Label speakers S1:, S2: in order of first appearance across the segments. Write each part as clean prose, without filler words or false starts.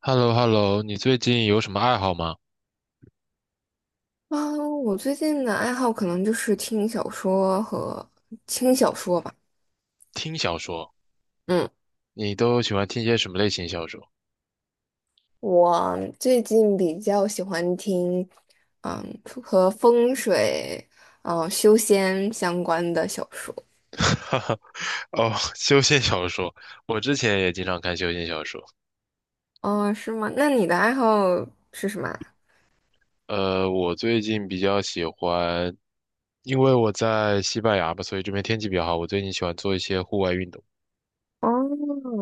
S1: h e l l o h e l l o 你最近有什么爱好吗？
S2: 啊，我最近的爱好可能就是听小说和轻小说吧。
S1: 听小说，
S2: 嗯，
S1: 你都喜欢听些什么类型小说？
S2: 我最近比较喜欢听，和风水、修仙相关的小说。
S1: 哦，修仙小说，我之前也经常看修仙小说。
S2: 哦，是吗？那你的爱好是什么啊。
S1: 我最近比较喜欢，因为我在西班牙吧，所以这边天气比较好。我最近喜欢做一些户外运动。
S2: 哦，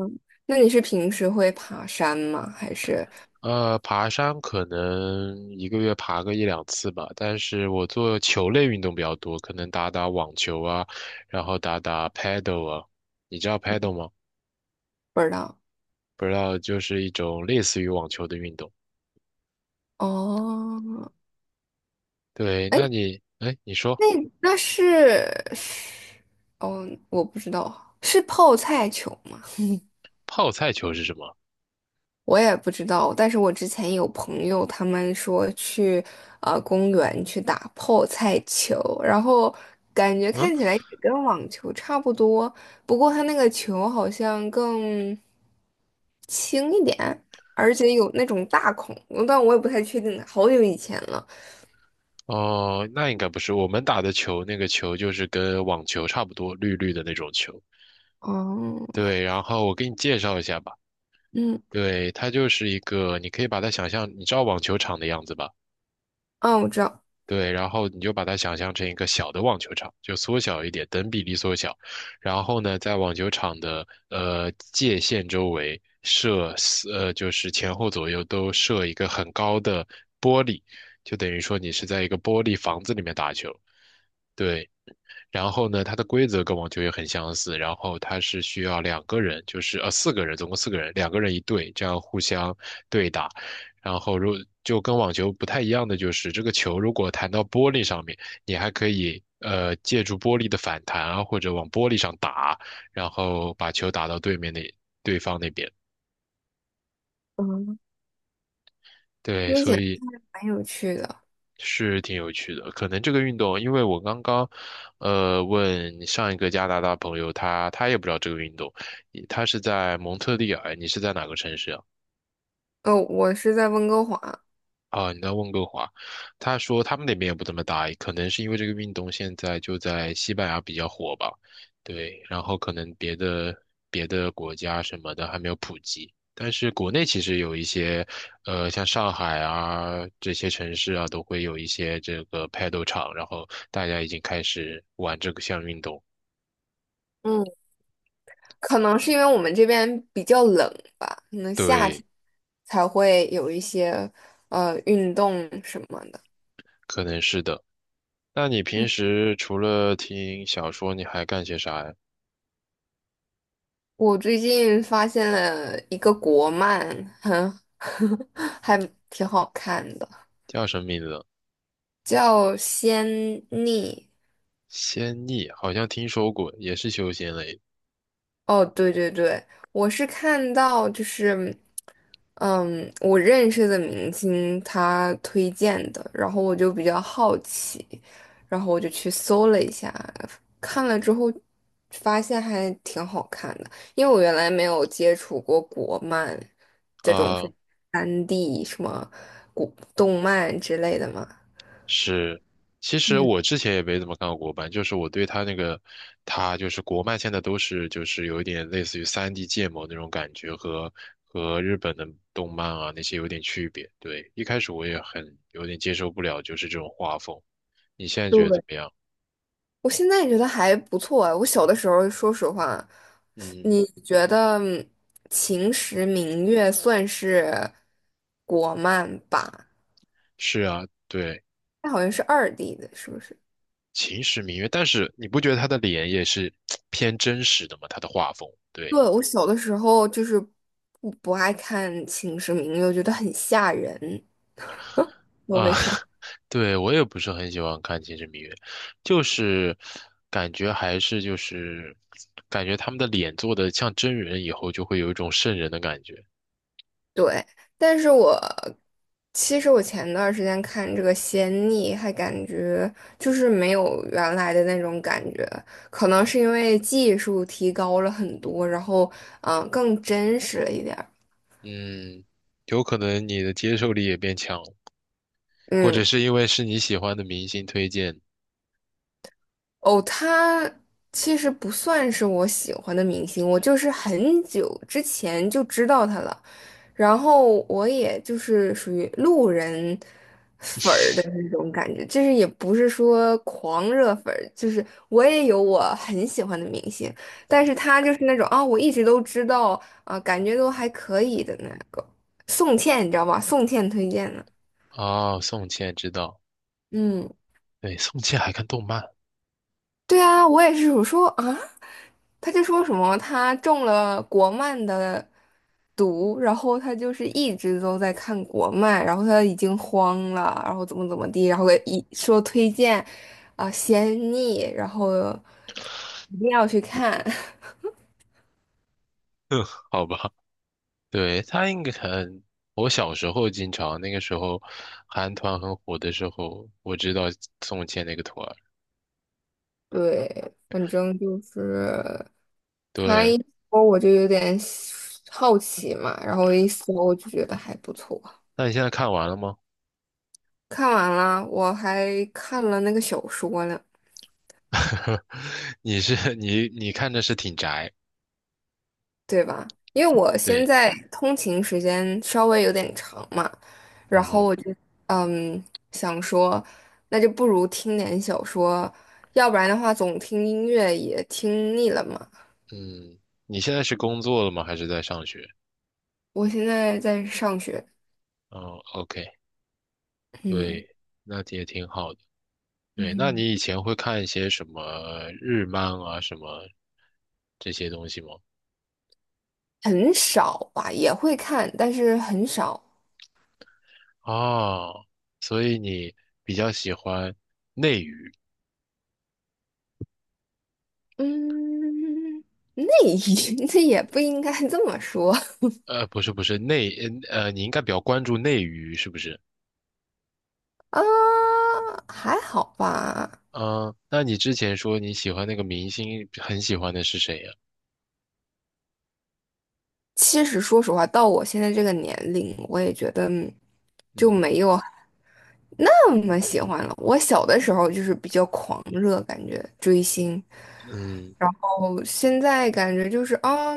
S2: 那你是平时会爬山吗？还是
S1: 爬山可能一个月爬个一两次吧，但是我做球类运动比较多，可能打打网球啊，然后打打 paddle 啊，你知道 paddle 吗？
S2: 不知道？
S1: 不知道就是一种类似于网球的运动。
S2: 哦，
S1: 对，
S2: 哎，
S1: 那你，哎，你说
S2: 那那是哦，我不知道，是泡菜球。
S1: 泡菜球是什么？
S2: 我也不知道，但是我之前有朋友他们说去公园去打泡菜球，然后感觉
S1: 嗯，
S2: 看起来也跟网球差不多，不过它那个球好像更轻一点，而且有那种大孔，但我也不太确定了好久以前了。
S1: 哦，那应该不是我们打的球，那个球就是跟网球差不多，绿绿的那种球。
S2: 哦，
S1: 对，然后我给你介绍一下吧。
S2: 嗯，
S1: 对，它就是一个，你可以把它想象，你知道网球场的样子吧？
S2: 啊，我知道，
S1: 对，然后你就把它想象成一个小的网球场，就缩小一点，等比例缩小。然后呢，在网球场的界限周围设四就是前后左右都设一个很高的玻璃，就等于说你是在一个玻璃房子里面打球。对，然后呢，它的规则跟网球也很相似，然后它是需要两个人，就是四个人，总共四个人，两个人一对，这样互相对打。然后就跟网球不太一样的就是，这个球如果弹到玻璃上面，你还可以借助玻璃的反弹啊，或者往玻璃上打，然后把球打到对面对方那边。
S2: 嗯，
S1: 对，
S2: 听起
S1: 所
S2: 来
S1: 以
S2: 还蛮有趣的。
S1: 是挺有趣的。可能这个运动，因为我刚刚，问上一个加拿大朋友，他也不知道这个运动，他是在蒙特利尔，你是在哪个城市啊？
S2: 哦，我是在温哥华。
S1: 啊，你在温哥华，他说他们那边也不怎么打，可能是因为这个运动现在就在西班牙比较火吧，对，然后可能别的国家什么的还没有普及，但是国内其实有一些，像上海啊这些城市啊，都会有一些这个 paddle 场，然后大家已经开始玩这个项运动，
S2: 嗯。可能是因为我们这边比较冷吧，可能夏天
S1: 对，
S2: 才会有一些运动什么的。
S1: 可能是的。那你平
S2: 嗯，
S1: 时除了听小说，你还干些啥呀？
S2: 我最近发现了一个国漫，很 还挺好看的，
S1: 叫什么名字？
S2: 叫《仙逆》。
S1: 仙逆好像听说过，也是修仙类
S2: 哦，对对对，我是看到就是。嗯，我认识的明星他推荐的，然后我就比较好奇，然后我就去搜了一下，看了之后发现还挺好看的，因为我原来没有接触过国漫
S1: 啊、
S2: 这种是
S1: 呃
S2: 3D 什么古动漫之类的嘛。
S1: 是，其实
S2: 嗯。
S1: 我之前也没怎么看过国漫，就是我对他那个，他就是国漫现在都是就是有一点类似于三 d 建模那种感觉和，和日本的动漫啊那些有点区别。对，一开始我也很有点接受不了，就是这种画风。你现在觉得怎
S2: 对，
S1: 么样？
S2: 我现在也觉得还不错啊。我小的时候，说实话，
S1: 嗯，
S2: 你觉得《秦时明月》算是国漫吧？
S1: 是啊，对，
S2: 它好像是二 D 的，是不是？
S1: 秦时明月，但是你不觉得他的脸也是 偏真实的吗？他的画风，对。
S2: 对，我小的时候就是不爱看《秦时明月》，我觉得很吓人，不知道
S1: 啊，
S2: 为啥。
S1: 对，我也不是很喜欢看《秦时明月》，就是感觉还是感觉他们的脸做的像真人以后，就会有一种瘆人的感觉。
S2: 对，但是其实我前段时间看这个《仙逆》，还感觉就是没有原来的那种感觉，可能是因为技术提高了很多，然后更真实了一点儿。
S1: 嗯，有可能你的接受力也变强了或者
S2: 嗯，
S1: 是因为是你喜欢的明星推荐。
S2: 哦，他其实不算是我喜欢的明星，我就是很久之前就知道他了，然后我也就是属于路人。感觉，就是也不是说狂热粉儿，就是我也有我很喜欢的明星，但是他就是那种啊、我一直都知道啊、感觉都还可以的那个宋茜，你知道吧？宋茜推荐的，
S1: 哦，宋茜知道，
S2: 嗯。
S1: 对，宋茜还看动漫，
S2: 对啊，我也是，我说啊，他就说什么他中了国漫的毒，然后他就是一直都在看国漫，然后他已经慌了，然后怎么怎么地，然后一说推荐啊、仙逆，然后一定要去看。
S1: 好吧，对，她应该很。我小时候经常，那个时候韩团很火的时候，我知道宋茜那个团儿，
S2: 对，反正就是他
S1: 对。
S2: 一说我就有点好奇嘛，然后一搜我就觉得还不错。
S1: 那你现在看完了吗？
S2: 看完了，我还看了那个小说呢。
S1: 你看着是挺宅，
S2: 对吧？因为我现
S1: 对，
S2: 在通勤时间稍微有点长嘛，然
S1: 嗯
S2: 后
S1: 嗯
S2: 我就嗯想说，那就不如听点小说，要不然的话总听音乐也听腻了嘛。
S1: 嗯，你现在是工作了吗？还是在上学？
S2: 我现在在上学，
S1: 哦，OK，
S2: 嗯
S1: 对，那也挺好的。对，那
S2: 嗯，
S1: 你以前会看一些什么日漫啊，什么这些东西吗？
S2: 很少吧，也会看，但是很少。
S1: 哦，所以你比较喜欢，
S2: 嗯，那也 那也不应该这么说
S1: 不是内，你应该比较关注内娱，是不是？
S2: 啊，还好吧。
S1: 嗯、那你之前说你喜欢那个明星，很喜欢的是谁呀、
S2: 其实说实话，到我现在这个年龄，我也觉得就
S1: 嗯。
S2: 没有那么喜欢了。我小的时候就是比较狂热，感觉追星。
S1: 嗯
S2: 我现在感觉就是啊，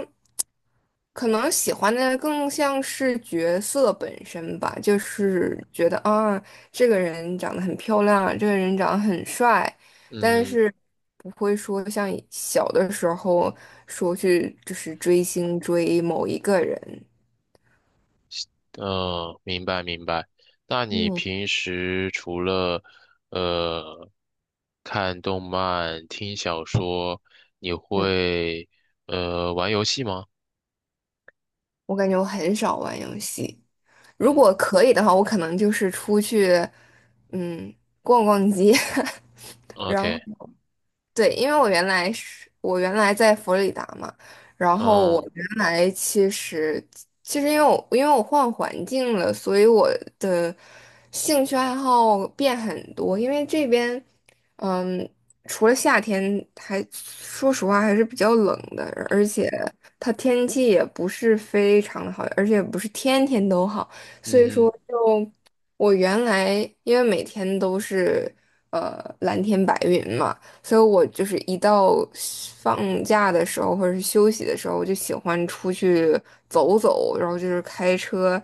S2: 可能喜欢的更像是角色本身吧，就是觉得啊，这个人长得很漂亮，这个人长得很帅，但
S1: 嗯
S2: 是不会说像以小的时候说去就是追星追某一个人。
S1: 明白明白。那你
S2: 嗯
S1: 平时除了呃看动漫、听小说，你
S2: 嗯。
S1: 会玩游戏吗？
S2: 我感觉我很少玩游戏。如果
S1: 嗯
S2: 可以的话，我可能就是出去，嗯，逛逛街，然
S1: ，OK，
S2: 后。对，因为我原来在佛罗里达嘛，然后我
S1: 嗯
S2: 原来其实，因为我换环境了，所以我的兴趣爱好变很多。因为这边，嗯，除了夏天还，说实话还是比较冷的，而且它天气也不是非常的好，而且不是天天都好，所以说
S1: 嗯，
S2: 就我原来因为每天都是蓝天白云嘛。所以我就是一到放假的时候或者是休息的时候，我就喜欢出去走走，然后就是开车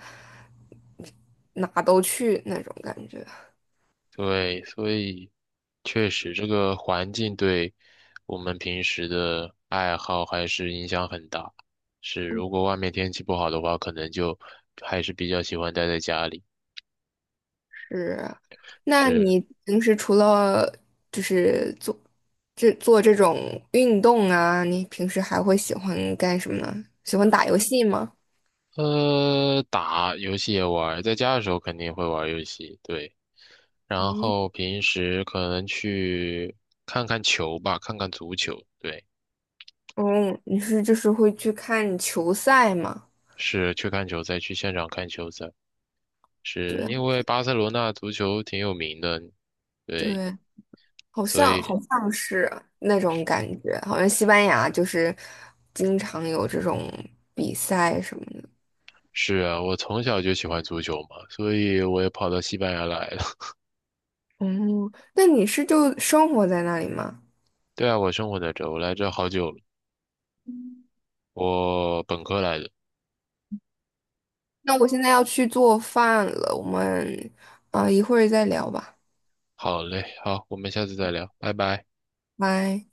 S2: 哪都去那种感觉。
S1: 对，所以确实这个环境对我们平时的爱好还是影响很大。是，如果外面天气不好的话，可能就还是比较喜欢待在家里。
S2: 是，那
S1: 是。
S2: 你平时除了就是做这种运动啊，你平时还会喜欢干什么呢？喜欢打游戏吗？
S1: 打游戏也玩儿在家的时候肯定会玩儿游戏，对。然
S2: 嗯，
S1: 后平时可能去看看球吧，看看足球，对，
S2: 哦，你是就是会去看球赛吗？
S1: 是去看球赛，去现场看球赛，
S2: 对
S1: 是
S2: 啊
S1: 因为巴塞罗那足球挺有名的，对，
S2: 对。好
S1: 所
S2: 像
S1: 以
S2: 好像是那种感觉，好像西班牙就是经常有这种比赛什么的。
S1: 是啊，我从小就喜欢足球嘛，所以我也跑到西班牙来了。
S2: 嗯，那你是就生活在那里吗？
S1: 对啊，我生活在这儿我来这儿好久了，我本科来的。
S2: 那我现在要去做饭了，我们啊、一会儿再聊吧，
S1: 好嘞，好，我们下次再聊，拜拜。
S2: 拜。